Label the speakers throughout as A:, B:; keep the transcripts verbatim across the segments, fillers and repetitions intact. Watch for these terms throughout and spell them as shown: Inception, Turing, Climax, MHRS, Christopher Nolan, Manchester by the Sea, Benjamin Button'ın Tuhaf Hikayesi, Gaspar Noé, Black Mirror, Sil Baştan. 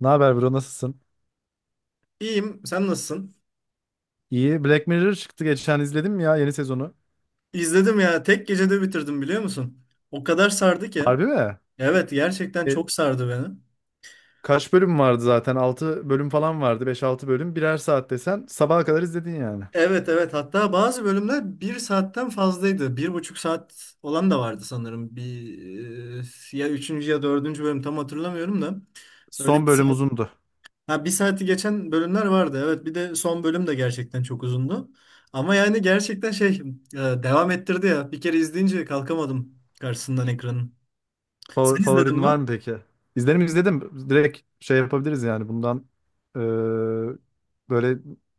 A: Ne haber bro nasılsın?
B: İyiyim. Sen nasılsın?
A: İyi. Black Mirror çıktı geçen izledim ya yeni sezonu.
B: İzledim ya. Tek gecede bitirdim biliyor musun? O kadar sardı ki.
A: Harbi mi?
B: Evet, gerçekten
A: E,
B: çok sardı beni.
A: Kaç bölüm vardı zaten? Altı bölüm falan vardı. Beş altı bölüm. Birer saat desen sabaha kadar izledin yani.
B: Evet evet hatta bazı bölümler bir saatten fazlaydı. Bir buçuk saat olan da vardı sanırım. Bir e, ya üçüncü ya dördüncü bölüm tam hatırlamıyorum da. Öyle
A: Son
B: bir
A: bölüm
B: saat.
A: uzundu.
B: Ha, bir saati geçen bölümler vardı. Evet, bir de son bölüm de gerçekten çok uzundu. Ama yani gerçekten şey e, devam ettirdi ya. Bir kere izleyince kalkamadım karşısından ekranın.
A: Favor-
B: Sen izledin
A: Favorin
B: mi?
A: var mı peki? İzledim izledim. Direkt şey yapabiliriz yani bundan e, böyle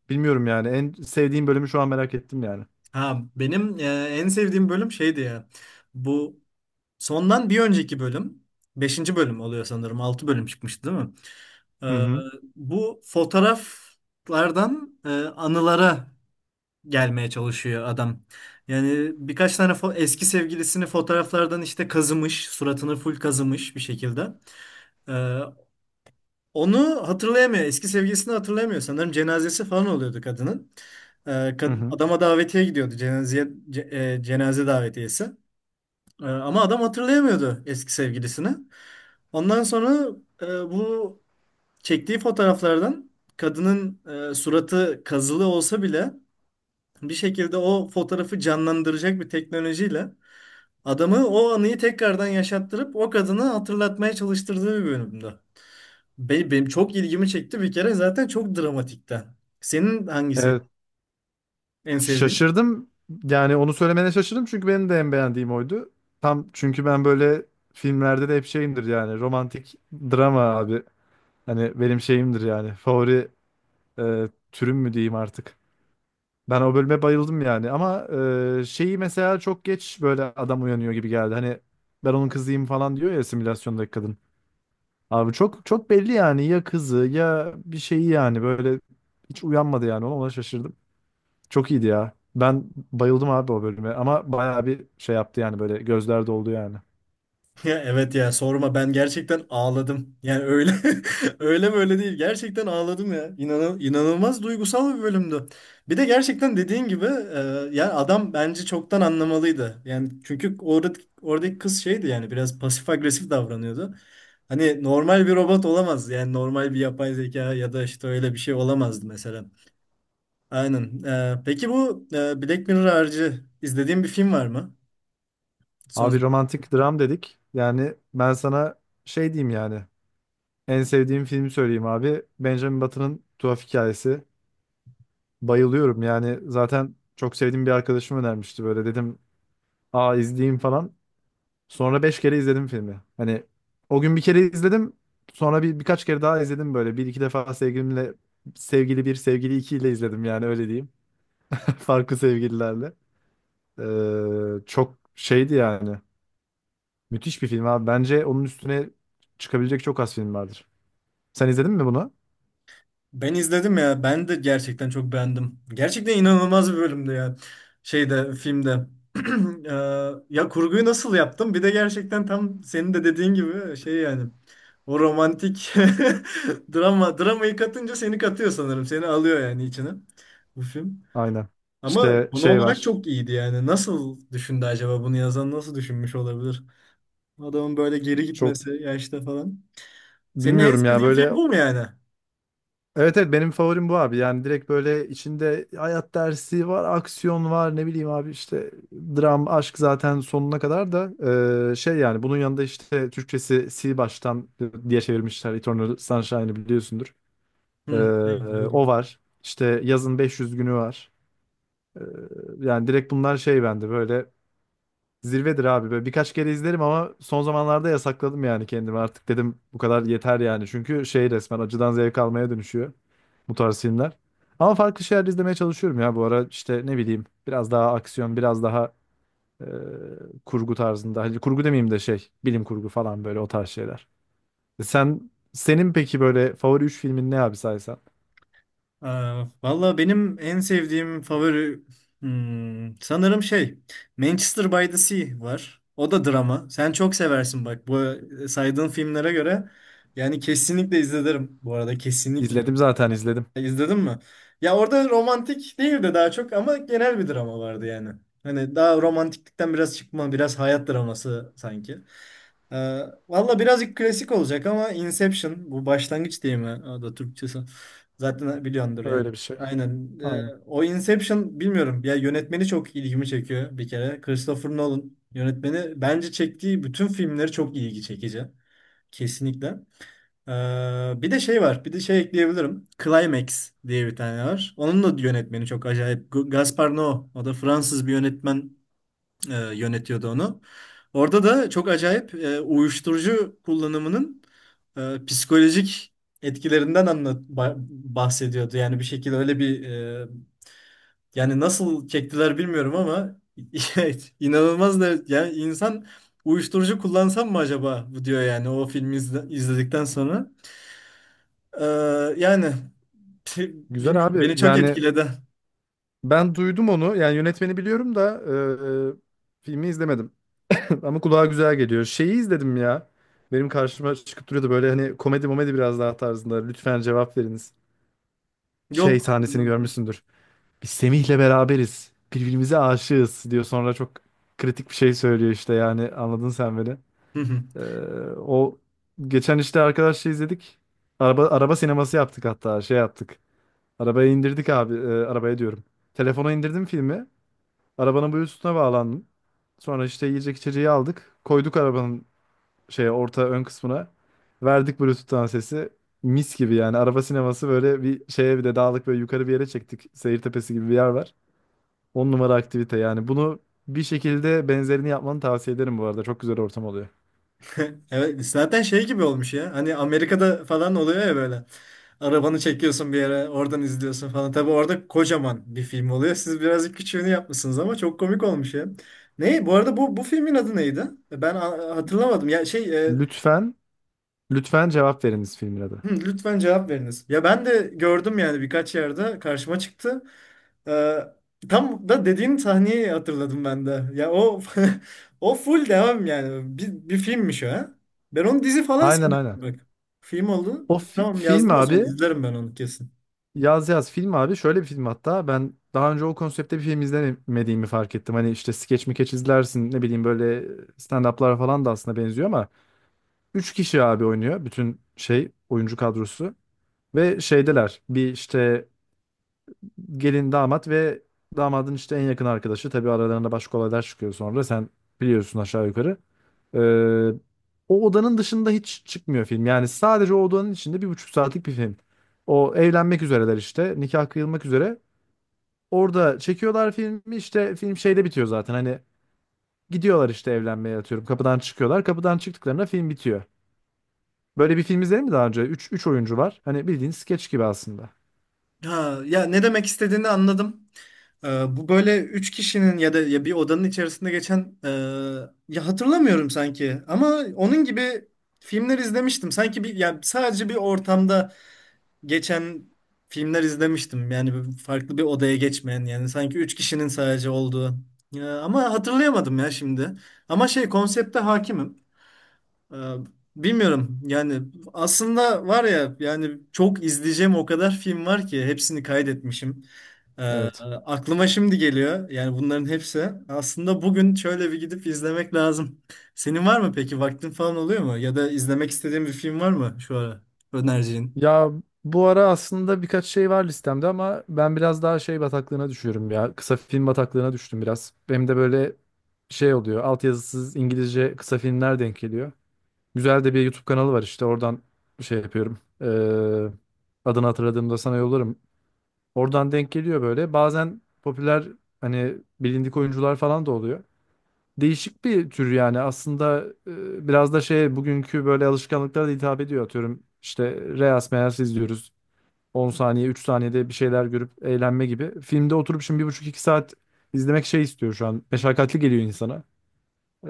A: bilmiyorum yani. En sevdiğim bölümü şu an merak ettim yani.
B: Ha, benim e, en sevdiğim bölüm şeydi ya. Bu sondan bir önceki bölüm. Beşinci bölüm oluyor sanırım. Altı bölüm çıkmıştı değil mi?
A: Hı
B: E,
A: hı.
B: Bu fotoğraflardan e, anılara gelmeye çalışıyor adam. Yani birkaç tane fo- eski sevgilisini fotoğraflardan işte kazımış. Suratını full kazımış bir şekilde. E, Onu hatırlayamıyor. Eski sevgilisini hatırlayamıyor. Sanırım cenazesi falan oluyordu kadının. Ee,
A: Hı
B: kad-
A: hı.
B: adama davetiye gidiyordu. Cenazeye, ce- e, cenaze davetiyesi. Ee, ama adam hatırlayamıyordu eski sevgilisini. Ondan sonra e, bu çektiği fotoğraflardan kadının e, suratı kazılı olsa bile bir şekilde o fotoğrafı canlandıracak bir teknolojiyle adamı o anıyı tekrardan yaşattırıp o kadını hatırlatmaya çalıştırdığı bir bölümde. Be- Benim çok ilgimi çekti bir kere zaten, çok dramatikten. Senin hangisi
A: Evet.
B: en sevdiğin?
A: Şaşırdım. Yani onu söylemene şaşırdım çünkü benim de en beğendiğim oydu. Tam çünkü ben böyle filmlerde de hep şeyimdir yani romantik drama abi. Hani benim şeyimdir yani favori e, türüm mü diyeyim artık. Ben o bölüme bayıldım yani ama e, şeyi mesela çok geç böyle adam uyanıyor gibi geldi. Hani ben onun kızıyım falan diyor ya simülasyondaki kadın. Abi çok çok belli yani ya kızı ya bir şeyi yani böyle hiç uyanmadı yani ona ona şaşırdım. Çok iyiydi ya. Ben bayıldım abi o bölüme ama bayağı bir şey yaptı yani böyle gözler doldu yani.
B: Ya evet, ya sorma, ben gerçekten ağladım. Yani öyle öyle böyle değil, gerçekten ağladım ya. İnanıl inanılmaz duygusal bir bölümdü. Bir de gerçekten dediğin gibi e, yani adam bence çoktan anlamalıydı. Yani çünkü orada oradaki kız şeydi yani, biraz pasif agresif davranıyordu. Hani normal bir robot olamaz yani, normal bir yapay zeka ya da işte öyle bir şey olamazdı mesela. Aynen. Ee, peki bu e, Black Mirror harici izlediğin bir film var mı? Son
A: Abi romantik dram dedik. Yani ben sana şey diyeyim yani. En sevdiğim filmi söyleyeyim abi. Benjamin Button'ın Tuhaf Hikayesi. Bayılıyorum yani zaten çok sevdiğim bir arkadaşım önermişti böyle dedim. Aa izleyeyim falan. Sonra beş kere izledim filmi. Hani o gün bir kere izledim. Sonra bir birkaç kere daha izledim böyle. Bir iki defa sevgilimle sevgili bir, sevgili iki ile izledim yani öyle diyeyim. Farklı sevgililerle. Ee, çok şeydi yani. Müthiş bir film abi. Bence onun üstüne çıkabilecek çok az film vardır. Sen izledin mi bunu?
B: Ben izledim ya. Ben de gerçekten çok beğendim. Gerçekten inanılmaz bir bölümdü ya. Şeyde, filmde. Ee, Ya kurguyu nasıl yaptım? Bir de gerçekten tam senin de dediğin gibi şey yani. O romantik drama dramayı katınca seni katıyor sanırım. Seni alıyor yani içine bu film.
A: Aynen.
B: Ama
A: İşte
B: konu
A: şey
B: olarak
A: var.
B: çok iyiydi yani. Nasıl düşündü acaba bunu yazan, nasıl düşünmüş olabilir? Adamın böyle geri
A: Çok
B: gitmesi yaşta falan. Senin en
A: bilmiyorum ya
B: sevdiğin
A: böyle.
B: film bu mu yani?
A: Evet evet benim favorim bu abi. Yani direkt böyle içinde hayat dersi var, aksiyon var, ne bileyim abi işte dram, aşk zaten sonuna kadar da eee, şey yani bunun yanında işte Türkçesi Sil Baştan diye çevirmişler. Eternal Sunshine'ı biliyorsundur.
B: Hı,
A: Eee,
B: evet, biliyordum.
A: O var. İşte yazın beş yüz günü var. Eee, Yani direkt bunlar şey bende böyle. Zirvedir abi. Böyle birkaç kere izlerim ama son zamanlarda yasakladım yani kendimi. Artık dedim bu kadar yeter yani. Çünkü şey resmen acıdan zevk almaya dönüşüyor bu tarz filmler. Ama farklı şeyler izlemeye çalışıyorum ya bu ara. İşte ne bileyim biraz daha aksiyon, biraz daha e, kurgu tarzında. Hani kurgu demeyeyim de şey bilim kurgu falan böyle o tarz şeyler. Sen senin peki böyle favori üç filmin ne abi saysan?
B: Aa, valla benim en sevdiğim favori hmm, sanırım şey Manchester by the Sea var. O da drama. Sen çok seversin bak bu e, saydığın filmlere göre. Yani kesinlikle izlerim bu arada, kesinlikle.
A: İzledim zaten izledim.
B: İzledin mi? Ya orada romantik değil de daha çok ama genel bir drama vardı yani. Hani daha romantiklikten biraz çıkma, biraz hayat draması sanki. Ee, Valla birazcık klasik olacak ama Inception, bu başlangıç değil mi? O da Türkçesi. Zaten biliyordur yani.
A: Öyle bir şey.
B: Aynen. Ee,
A: Aynen.
B: o Inception, bilmiyorum. Ya yönetmeni çok ilgimi çekiyor bir kere. Christopher Nolan yönetmeni, bence çektiği bütün filmleri çok ilgi çekici. Kesinlikle. Ee, Bir de şey var. Bir de şey ekleyebilirim. Climax diye bir tane var. Onun da yönetmeni çok acayip. Gu- Gaspar Noé. O da Fransız bir yönetmen, e, yönetiyordu onu. Orada da çok acayip e, uyuşturucu kullanımının e, psikolojik etkilerinden anlat ba- bahsediyordu. Yani bir şekilde öyle bir e, yani nasıl çektiler bilmiyorum ama inanılmaz da yani, insan uyuşturucu kullansam mı acaba bu diyor yani, o filmi izle- izledikten sonra. E, Yani
A: Güzel
B: bilmiyorum,
A: abi.
B: beni çok
A: Yani
B: etkiledi.
A: ben duydum onu. Yani yönetmeni biliyorum da e, e, filmi izlemedim. Ama kulağa güzel geliyor. Şeyi izledim ya. Benim karşıma çıkıp duruyordu böyle hani komedi momedi biraz daha tarzında. Lütfen cevap veriniz. Şey
B: Yok.
A: sahnesini görmüşsündür. Biz Semih'le beraberiz. Birbirimize aşığız diyor. Sonra çok kritik bir şey söylüyor işte yani anladın sen beni. Ee, O geçen işte arkadaşla izledik. Araba araba sineması yaptık hatta şey yaptık. Arabaya indirdik abi. Ee, arabaya diyorum. Telefona indirdim filmi. Arabanın Bluetooth'una bağlandım. Sonra işte yiyecek içeceği aldık. Koyduk arabanın şeye orta ön kısmına. Verdik Bluetooth'tan sesi. Mis gibi yani. Araba sineması böyle bir şeye bir de dağlık böyle yukarı bir yere çektik. Seyirtepesi gibi bir yer var. On numara aktivite yani. Bunu bir şekilde benzerini yapmanı tavsiye ederim bu arada. Çok güzel ortam oluyor.
B: Evet, zaten şey gibi olmuş ya. Hani Amerika'da falan oluyor ya böyle. Arabanı çekiyorsun bir yere, oradan izliyorsun falan. Tabii orada kocaman bir film oluyor. Siz birazcık küçüğünü yapmışsınız ama çok komik olmuş ya. Ne? Bu arada bu bu filmin adı neydi? Ben a- hatırlamadım. Ya şey, e,
A: Lütfen, lütfen cevap veriniz filmin adı.
B: hı, lütfen cevap veriniz. Ya ben de gördüm yani, birkaç yerde karşıma çıktı. Ee, Tam da dediğin sahneyi hatırladım ben de. Ya o o full devam yani. Bir, bir filmmiş o, ha. Ben onu dizi falan
A: Aynen
B: sanıyordum
A: aynen.
B: bak. Film oldu.
A: O fi-
B: Tamam,
A: film
B: yazdım o zaman,
A: abi,
B: izlerim ben onu kesin.
A: Yaz Yaz film abi şöyle bir film hatta. Ben daha önce o konseptte bir film izlemediğimi fark ettim. Hani işte skeç mikeç izlersin ne bileyim böyle stand-up'lar falan da aslında benziyor ama üç kişi abi oynuyor bütün şey oyuncu kadrosu. Ve şeydeler bir işte gelin damat ve damadın işte en yakın arkadaşı. Tabii aralarında başka olaylar çıkıyor sonra. Sen biliyorsun aşağı yukarı. Ee, O odanın dışında hiç çıkmıyor film. Yani sadece o odanın içinde bir buçuk saatlik bir film. O evlenmek üzereler işte. Nikah kıyılmak üzere. Orada çekiyorlar filmi işte film şeyde bitiyor zaten. Hani gidiyorlar işte evlenmeye atıyorum. Kapıdan çıkıyorlar. Kapıdan çıktıklarında film bitiyor. Böyle bir film izledin mi daha önce? üç üç oyuncu var. Hani bildiğin skeç gibi aslında.
B: Ha, ya ne demek istediğini anladım. Ee, bu böyle üç kişinin ya da ya bir odanın içerisinde geçen, e, ya hatırlamıyorum sanki ama onun gibi filmler izlemiştim. Sanki bir, yani sadece bir ortamda geçen filmler izlemiştim. Yani farklı bir odaya geçmeyen, yani sanki üç kişinin sadece olduğu. Ya, ama hatırlayamadım ya şimdi. Ama şey, konsepte hakimim. Ee, Bilmiyorum yani, aslında var ya yani, çok izleyeceğim o kadar film var ki, hepsini kaydetmişim. Ee,
A: Evet.
B: Aklıma şimdi geliyor yani bunların hepsi. Aslında bugün şöyle bir gidip izlemek lazım. Senin var mı peki, vaktin falan oluyor mu? Ya da izlemek istediğin bir film var mı şu ara, önereceğin?
A: Ya bu ara aslında birkaç şey var listemde ama ben biraz daha şey bataklığına düşüyorum ya. Kısa film bataklığına düştüm biraz. Benim de böyle şey oluyor. Altyazısız İngilizce kısa filmler denk geliyor. Güzel de bir YouTube kanalı var işte oradan şey yapıyorum. Ee, adını hatırladığımda sana yollarım. Oradan denk geliyor böyle. Bazen popüler hani bilindik oyuncular falan da oluyor. Değişik bir tür yani aslında e, biraz da şey bugünkü böyle alışkanlıklara da hitap ediyor atıyorum. İşte Reels Meels izliyoruz. On saniye, üç saniyede bir şeyler görüp eğlenme gibi. Filmde oturup şimdi bir buçuk iki saat izlemek şey istiyor şu an. Meşakkatli geliyor insana. Ee,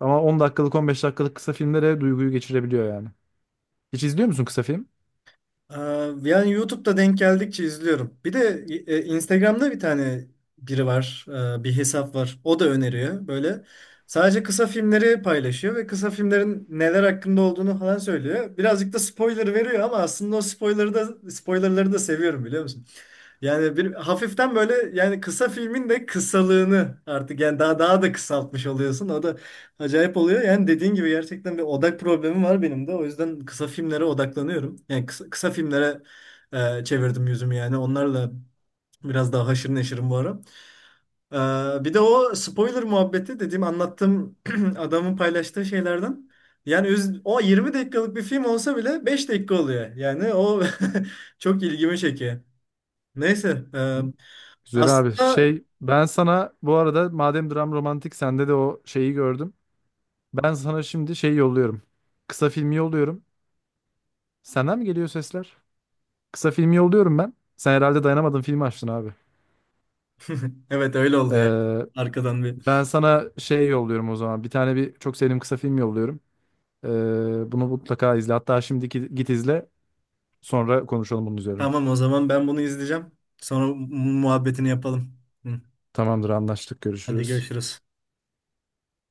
A: Ama on dakikalık, on beş dakikalık kısa filmlere duyguyu geçirebiliyor yani. Hiç izliyor musun kısa film?
B: Aa, Yani YouTube'da denk geldikçe izliyorum. Bir de e, Instagram'da bir tane biri var, e, bir hesap var. O da öneriyor böyle. Sadece kısa filmleri paylaşıyor ve kısa filmlerin neler hakkında olduğunu falan söylüyor. Birazcık da spoiler veriyor ama aslında o spoiler'ı da spoilerları da seviyorum, biliyor musun? Yani bir hafiften böyle yani, kısa filmin de kısalığını artık yani daha daha da kısaltmış oluyorsun. O da Acayip oluyor. Yani dediğin gibi gerçekten bir odak problemi var benim de. O yüzden kısa filmlere odaklanıyorum. Yani kısa, kısa filmlere e, çevirdim yüzümü yani. Onlarla biraz daha haşır neşirim bu ara. E, bir de o spoiler muhabbeti dediğim, anlattığım adamın paylaştığı şeylerden. Yani üz- o yirmi dakikalık bir film olsa bile beş dakika oluyor. Yani o çok ilgimi çekiyor. Neyse. e,
A: Güzel abi.
B: aslında
A: Şey ben sana bu arada madem dram romantik sende de o şeyi gördüm. Ben sana şimdi şey yolluyorum. Kısa filmi yolluyorum. Senden mi geliyor sesler? Kısa filmi yolluyorum ben. Sen herhalde dayanamadın filmi açtın abi.
B: evet, öyle oldu ya.
A: Ee,
B: Arkadan bir.
A: Ben sana şey yolluyorum o zaman. Bir tane bir çok sevdiğim kısa film yolluyorum. Ee, bunu mutlaka izle. Hatta şimdi git git izle. Sonra konuşalım bunun üzerine.
B: Tamam, o zaman ben bunu izleyeceğim. Sonra mu- muhabbetini yapalım. Hı.
A: Tamamdır, anlaştık.
B: Hadi
A: Görüşürüz.
B: görüşürüz.